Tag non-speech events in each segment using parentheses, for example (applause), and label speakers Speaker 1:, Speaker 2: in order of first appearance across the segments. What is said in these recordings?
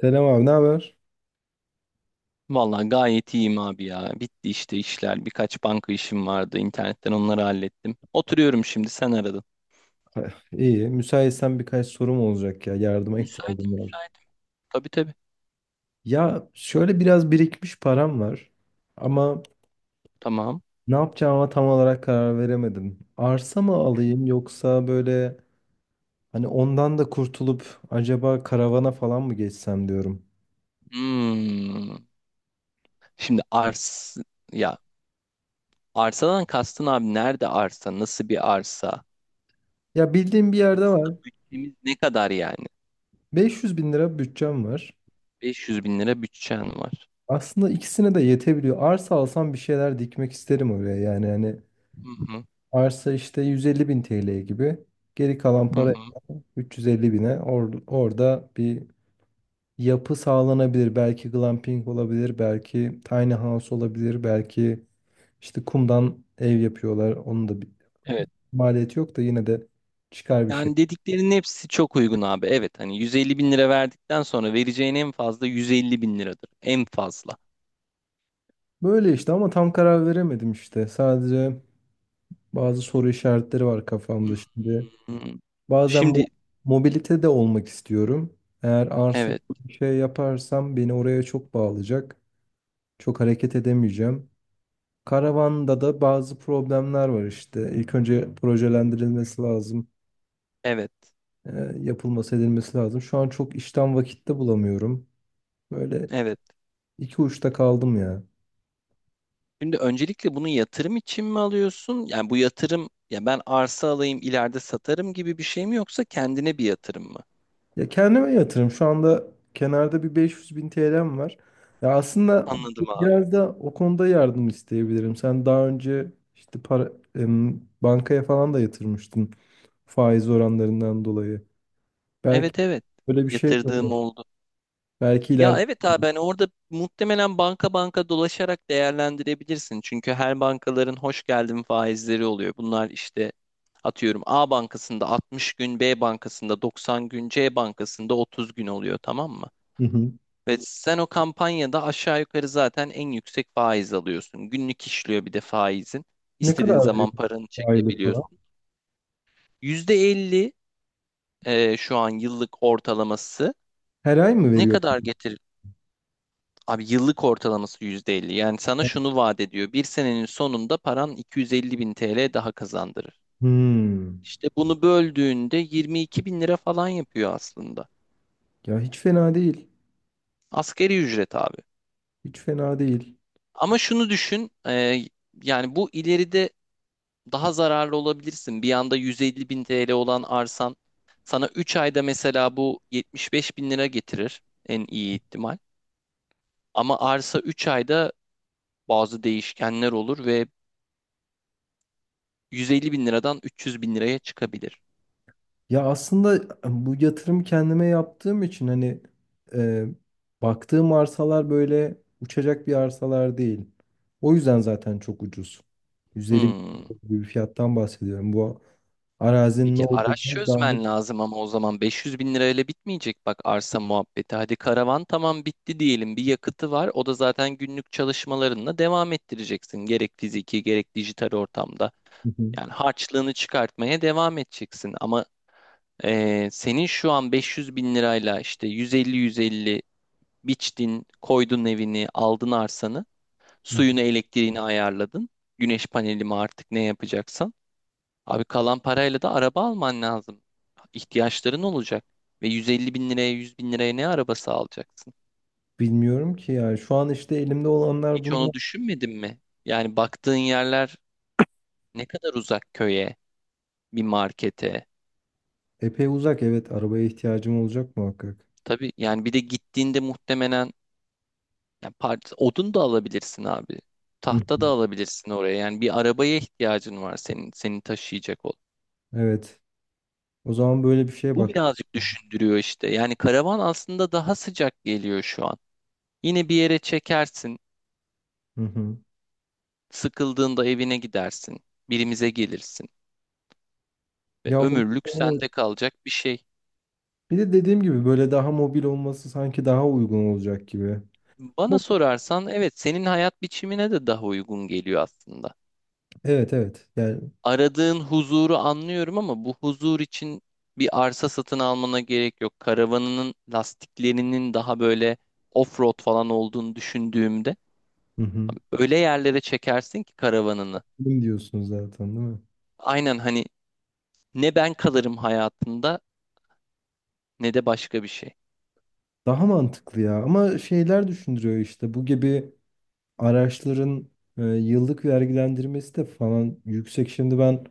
Speaker 1: Selam abi, ne haber?
Speaker 2: Vallahi gayet iyiyim abi ya. Bitti işte işler. Birkaç banka işim vardı. İnternetten onları hallettim. Oturuyorum şimdi sen aradın.
Speaker 1: Ha, İyi. Müsaitsen birkaç sorum olacak ya. Yardıma
Speaker 2: Müsaitim,
Speaker 1: ihtiyacım var.
Speaker 2: müsaitim. Tabii tabii.
Speaker 1: Ya şöyle biraz birikmiş param var. Ama
Speaker 2: Tamam.
Speaker 1: ne yapacağıma tam olarak karar veremedim. Arsa mı alayım, yoksa böyle hani ondan da kurtulup acaba karavana falan mı geçsem diyorum.
Speaker 2: Hmm. Şimdi ya arsadan kastın abi, nerede arsa? Nasıl bir arsa?
Speaker 1: Ya bildiğim bir yerde var.
Speaker 2: Bütçemiz ne kadar yani?
Speaker 1: 500 bin lira bütçem var.
Speaker 2: 500 bin lira bütçen var.
Speaker 1: Aslında ikisine de yetebiliyor. Arsa alsam bir şeyler dikmek isterim oraya. Yani hani
Speaker 2: Hı hı.
Speaker 1: arsa işte 150 bin TL gibi. Geri kalan
Speaker 2: Hı hı.
Speaker 1: para 350 bine orada bir yapı sağlanabilir. Belki glamping olabilir, belki tiny house olabilir, belki işte kumdan ev yapıyorlar. Onun da bir
Speaker 2: Evet.
Speaker 1: maliyeti yok da yine de çıkar bir şey.
Speaker 2: Yani dediklerinin hepsi çok uygun abi. Evet hani 150 bin lira verdikten sonra vereceğin en fazla 150 bin liradır. En fazla.
Speaker 1: Böyle işte, ama tam karar veremedim işte. Sadece bazı soru işaretleri var kafamda şimdi.
Speaker 2: Hmm.
Speaker 1: Bazen
Speaker 2: Şimdi
Speaker 1: mobilite de olmak istiyorum. Eğer arsa
Speaker 2: evet,
Speaker 1: gibi bir şey yaparsam beni oraya çok bağlayacak. Çok hareket edemeyeceğim. Karavanda da bazı problemler var işte. İlk önce projelendirilmesi lazım.
Speaker 2: evet,
Speaker 1: e, Yapılması, edilmesi lazım. Şu an çok işten vakitte bulamıyorum. Böyle
Speaker 2: evet.
Speaker 1: iki uçta kaldım ya.
Speaker 2: Şimdi öncelikle bunu yatırım için mi alıyorsun? Yani bu yatırım ya ben arsa alayım ileride satarım gibi bir şey mi, yoksa kendine bir yatırım mı?
Speaker 1: Ya, kendime yatırım. Şu anda kenarda bir 500 bin TL'm var. Ya, aslında
Speaker 2: Anladım abi.
Speaker 1: biraz da o konuda yardım isteyebilirim. Sen daha önce işte para, bankaya falan da yatırmıştın, faiz oranlarından dolayı. Belki
Speaker 2: Evet evet.
Speaker 1: böyle bir şey de
Speaker 2: Yatırdığım
Speaker 1: olur.
Speaker 2: oldu.
Speaker 1: Belki ileride.
Speaker 2: Ya evet abi, ben orada muhtemelen banka banka dolaşarak değerlendirebilirsin. Çünkü her bankaların hoş geldin faizleri oluyor. Bunlar işte atıyorum A bankasında 60 gün, B bankasında 90 gün, C bankasında 30 gün oluyor, tamam mı?
Speaker 1: Hı hı.
Speaker 2: Ve sen o kampanyada aşağı yukarı zaten en yüksek faiz alıyorsun. Günlük işliyor bir de faizin.
Speaker 1: Ne kadar
Speaker 2: İstediğin
Speaker 1: veriyor
Speaker 2: zaman paranı
Speaker 1: aylık falan?
Speaker 2: çekebiliyorsun. %50. Şu an yıllık ortalaması
Speaker 1: Her ay mı
Speaker 2: ne
Speaker 1: veriyor?
Speaker 2: kadar getirir? Abi yıllık ortalaması %50. Yani sana şunu vaat ediyor. Bir senenin sonunda paran 250 bin TL daha kazandırır.
Speaker 1: Hmm.
Speaker 2: İşte bunu böldüğünde 22 bin lira falan yapıyor aslında.
Speaker 1: Ya, hiç fena değil.
Speaker 2: Asgari ücret abi.
Speaker 1: Hiç fena değil.
Speaker 2: Ama şunu düşün. Yani bu ileride daha zararlı olabilirsin. Bir anda 150 bin TL olan arsan sana 3 ayda mesela bu 75 bin lira getirir, en iyi ihtimal. Ama arsa 3 ayda bazı değişkenler olur ve 150 bin liradan 300 bin liraya çıkabilir.
Speaker 1: Ya aslında bu yatırım kendime yaptığım için hani, e, baktığım arsalar böyle uçacak bir arsalar değil. O yüzden zaten çok ucuz. 150 bin
Speaker 2: Hmm.
Speaker 1: bir fiyattan bahsediyorum. Bu arazinin ne
Speaker 2: Peki araç
Speaker 1: olduğunu daha
Speaker 2: çözmen lazım ama, o zaman 500 bin lirayla bitmeyecek bak arsa muhabbeti. Hadi karavan tamam bitti diyelim, bir yakıtı var. O da zaten günlük çalışmalarınla devam ettireceksin. Gerek fiziki gerek dijital ortamda.
Speaker 1: hı.
Speaker 2: Yani harçlığını çıkartmaya devam edeceksin ama senin şu an 500 bin lirayla işte 150-150 biçtin, koydun evini, aldın arsanı,
Speaker 1: Hı hı.
Speaker 2: suyunu, elektriğini ayarladın. Güneş paneli mi artık ne yapacaksan. Abi kalan parayla da araba alman lazım. İhtiyaçların olacak. Ve 150 bin liraya, 100 bin liraya ne arabası alacaksın?
Speaker 1: Bilmiyorum ki yani. Şu an işte elimde olanlar
Speaker 2: Hiç onu
Speaker 1: bunlar.
Speaker 2: düşünmedin mi? Yani baktığın yerler ne kadar uzak köye, bir markete.
Speaker 1: Epey uzak, evet, arabaya ihtiyacım olacak muhakkak.
Speaker 2: Tabii yani, bir de gittiğinde muhtemelen odun da alabilirsin abi.
Speaker 1: Hı
Speaker 2: Tahta da
Speaker 1: hı.
Speaker 2: alabilirsin oraya. Yani bir arabaya ihtiyacın var senin, seni taşıyacak ol.
Speaker 1: Evet. O zaman böyle bir şeye
Speaker 2: Bu
Speaker 1: bak.
Speaker 2: birazcık düşündürüyor işte. Yani karavan aslında daha sıcak geliyor şu an. Yine bir yere çekersin,
Speaker 1: Hı hı.
Speaker 2: sıkıldığında evine gidersin, birimize gelirsin ve
Speaker 1: Ya,
Speaker 2: ömürlük
Speaker 1: evet.
Speaker 2: sende kalacak bir şey.
Speaker 1: Bir de dediğim gibi böyle daha mobil olması sanki daha uygun olacak gibi. Ama-
Speaker 2: Bana sorarsan evet, senin hayat biçimine de daha uygun geliyor aslında.
Speaker 1: Evet, evet. Yani
Speaker 2: Aradığın huzuru anlıyorum ama bu huzur için bir arsa satın almana gerek yok. Karavanının lastiklerinin daha böyle off-road falan olduğunu düşündüğümde,
Speaker 1: hı hı.
Speaker 2: öyle yerlere çekersin ki karavanını.
Speaker 1: Benim diyorsunuz zaten, değil mi?
Speaker 2: Aynen hani, ne ben kalırım hayatında ne de başka bir şey.
Speaker 1: Daha mantıklı ya. Ama şeyler düşündürüyor işte. Bu gibi araçların yıllık vergilendirmesi de falan yüksek. Şimdi ben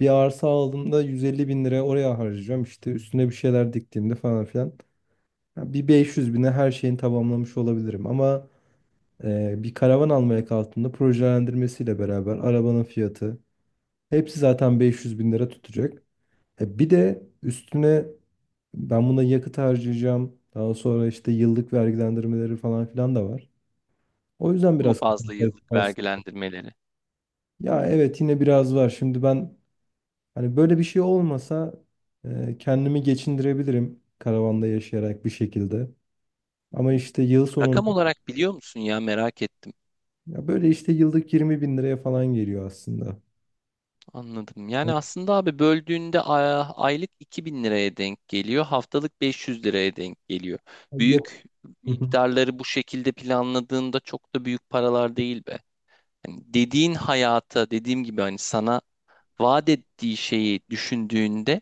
Speaker 1: bir arsa aldığımda 150 bin lira oraya harcayacağım. İşte üstüne bir şeyler diktiğimde falan filan. Ya, bir 500 bine her şeyini tamamlamış olabilirim. Ama bir karavan almaya kalktığında projelendirmesiyle beraber arabanın fiyatı, hepsi zaten 500 bin lira tutacak. Bir de üstüne ben buna yakıt harcayacağım. Daha sonra işte yıllık vergilendirmeleri falan filan da var. O yüzden
Speaker 2: Bu mu
Speaker 1: biraz kafam
Speaker 2: fazla yıllık
Speaker 1: karıştı.
Speaker 2: vergilendirmeleri?
Speaker 1: Ya evet, yine biraz var. Şimdi ben hani böyle bir şey olmasa kendimi geçindirebilirim karavanda yaşayarak bir şekilde. Ama işte yıl sonunda
Speaker 2: Rakam olarak biliyor musun, ya merak ettim.
Speaker 1: ya böyle işte yıllık 20 bin liraya falan geliyor aslında.
Speaker 2: Anladım. Yani aslında abi böldüğünde aylık 2.000 liraya denk geliyor. Haftalık 500 liraya denk geliyor.
Speaker 1: Yakıt.
Speaker 2: Büyük
Speaker 1: (laughs)
Speaker 2: miktarları bu şekilde planladığında çok da büyük paralar değil be. Yani dediğin hayata, dediğim gibi hani sana vaat ettiği şeyi düşündüğünde,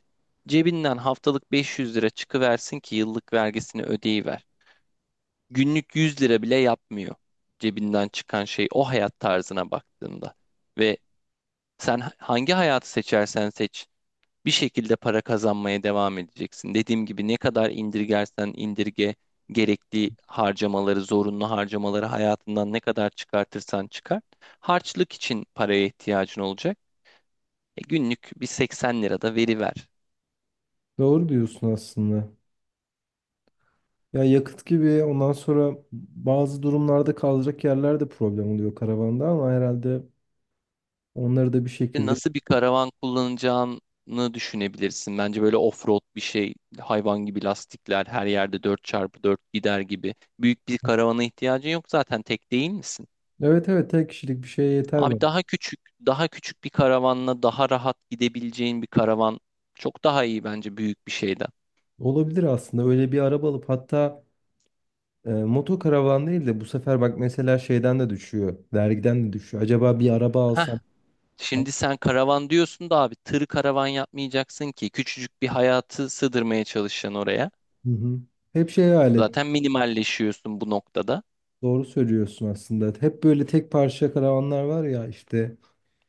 Speaker 2: cebinden haftalık 500 lira çıkıversin ki yıllık vergisini ödeyiver. Günlük 100 lira bile yapmıyor cebinden çıkan şey, o hayat tarzına baktığında. Ve sen hangi hayatı seçersen seç, bir şekilde para kazanmaya devam edeceksin. Dediğim gibi ne kadar indirgersen indirge gerekli harcamaları, zorunlu harcamaları hayatından ne kadar çıkartırsan çıkart, harçlık için paraya ihtiyacın olacak. Günlük bir 80 lira da veriver.
Speaker 1: Doğru diyorsun aslında. Ya yakıt gibi, ondan sonra bazı durumlarda kalacak yerler de problem oluyor karavanda, ama herhalde onları da bir
Speaker 2: E,
Speaker 1: şekilde.
Speaker 2: nasıl bir karavan kullanacağını düşünebilirsin. Bence böyle off-road bir şey, hayvan gibi lastikler, her yerde dört çarpı dört gider gibi. Büyük bir karavana ihtiyacın yok, zaten tek değil misin?
Speaker 1: Evet evet, tek kişilik bir şeye yeter var.
Speaker 2: Abi daha küçük, daha küçük bir karavanla daha rahat gidebileceğin bir karavan çok daha iyi bence, büyük bir şeyden.
Speaker 1: Olabilir aslında. Öyle bir araba alıp hatta moto karavan değil de bu sefer, bak mesela, şeyden de düşüyor. Vergiden de düşüyor. Acaba bir araba
Speaker 2: Heh,
Speaker 1: alsam? Hı
Speaker 2: şimdi sen karavan diyorsun da abi, tır karavan yapmayacaksın ki, küçücük bir hayatı sığdırmaya çalışacaksın oraya.
Speaker 1: hı. Hep şey hayal et.
Speaker 2: Zaten minimalleşiyorsun bu noktada.
Speaker 1: Doğru söylüyorsun aslında. Hep böyle tek parça karavanlar var ya işte,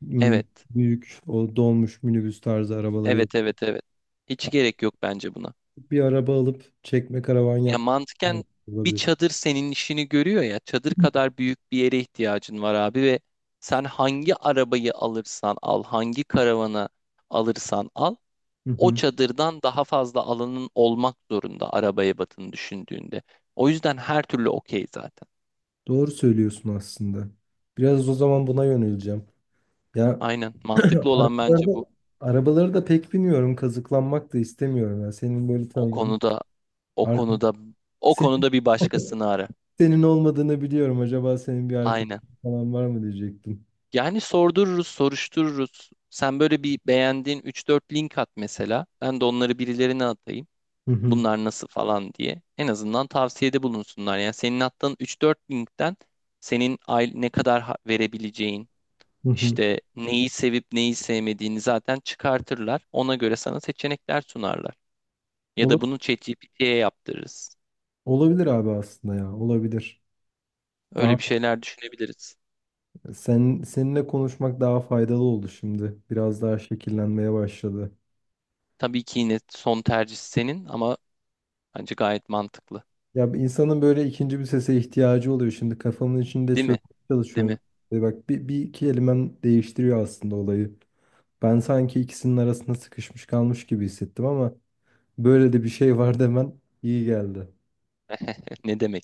Speaker 1: hmm,
Speaker 2: Evet,
Speaker 1: büyük o dolmuş minibüs tarzı arabaları.
Speaker 2: evet, evet, evet. Hiç gerek yok bence buna.
Speaker 1: Bir araba alıp çekme karavan
Speaker 2: Ya
Speaker 1: yapmak
Speaker 2: mantıken bir
Speaker 1: olabilir.
Speaker 2: çadır senin işini görüyor ya. Çadır kadar büyük bir yere ihtiyacın var abi ve sen hangi arabayı alırsan al, hangi karavana alırsan al,
Speaker 1: Hı
Speaker 2: o
Speaker 1: hı.
Speaker 2: çadırdan daha fazla alanın olmak zorunda araba ebatını düşündüğünde. O yüzden her türlü okey zaten.
Speaker 1: Doğru söylüyorsun aslında. Biraz o zaman buna yöneleceğim. Ya,
Speaker 2: Aynen, mantıklı
Speaker 1: (clears throat)
Speaker 2: olan bence
Speaker 1: arabalarda,
Speaker 2: bu.
Speaker 1: arabaları da pek biniyorum. Kazıklanmak da istemiyorum. Ya. Senin böyle
Speaker 2: O
Speaker 1: tanıdığın
Speaker 2: konuda o
Speaker 1: arkadaş.
Speaker 2: konuda o
Speaker 1: Senin,
Speaker 2: konuda bir
Speaker 1: (laughs)
Speaker 2: başkasını ara.
Speaker 1: senin olmadığını biliyorum. Acaba senin bir arkadaşın
Speaker 2: Aynen.
Speaker 1: falan var mı diyecektim.
Speaker 2: Yani sordururuz, soruştururuz. Sen böyle bir beğendiğin üç dört link at mesela. Ben de onları birilerine atayım.
Speaker 1: Hı hı.
Speaker 2: Bunlar nasıl falan diye. En azından tavsiyede bulunsunlar. Yani senin attığın üç dört linkten, senin aile ne kadar verebileceğin,
Speaker 1: Hı hı.
Speaker 2: işte neyi sevip neyi sevmediğini zaten çıkartırlar. Ona göre sana seçenekler sunarlar. Ya da
Speaker 1: Ola-
Speaker 2: bunu ChatGPT'ye yaptırırız.
Speaker 1: olabilir abi aslında ya. Olabilir. Daha
Speaker 2: Öyle bir şeyler düşünebiliriz.
Speaker 1: seninle konuşmak daha faydalı oldu şimdi. Biraz daha şekillenmeye başladı.
Speaker 2: Tabii ki yine son tercih senin ama bence gayet mantıklı.
Speaker 1: Ya, insanın böyle ikinci bir sese ihtiyacı oluyor. Şimdi kafamın içinde
Speaker 2: Değil
Speaker 1: çözmeye
Speaker 2: mi? Değil
Speaker 1: çalışıyorum.
Speaker 2: mi?
Speaker 1: Bak, bir iki kelimem değiştiriyor aslında olayı. Ben sanki ikisinin arasında sıkışmış kalmış gibi hissettim, ama böyle de bir şey (laughs) var demen iyi geldi.
Speaker 2: (laughs) Ne demek?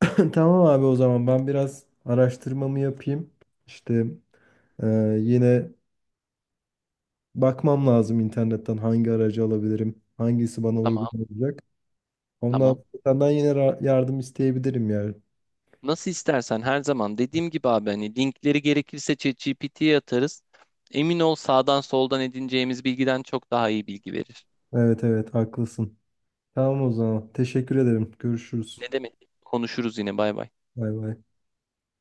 Speaker 1: (laughs) Tamam abi, o zaman ben biraz araştırmamı yapayım. İşte e, yine bakmam lazım internetten hangi aracı alabilirim, hangisi bana uygun
Speaker 2: Tamam,
Speaker 1: olacak.
Speaker 2: tamam.
Speaker 1: Senden yine yardım isteyebilirim yani.
Speaker 2: Nasıl istersen, her zaman dediğim gibi abi, hani linkleri gerekirse ChatGPT'ye atarız. Emin ol, sağdan soldan edineceğimiz bilgiden çok daha iyi bilgi verir.
Speaker 1: Evet evet, haklısın. Tamam o zaman. Teşekkür ederim. Görüşürüz.
Speaker 2: Ne demek? Konuşuruz yine, bay bay.
Speaker 1: Bay bay.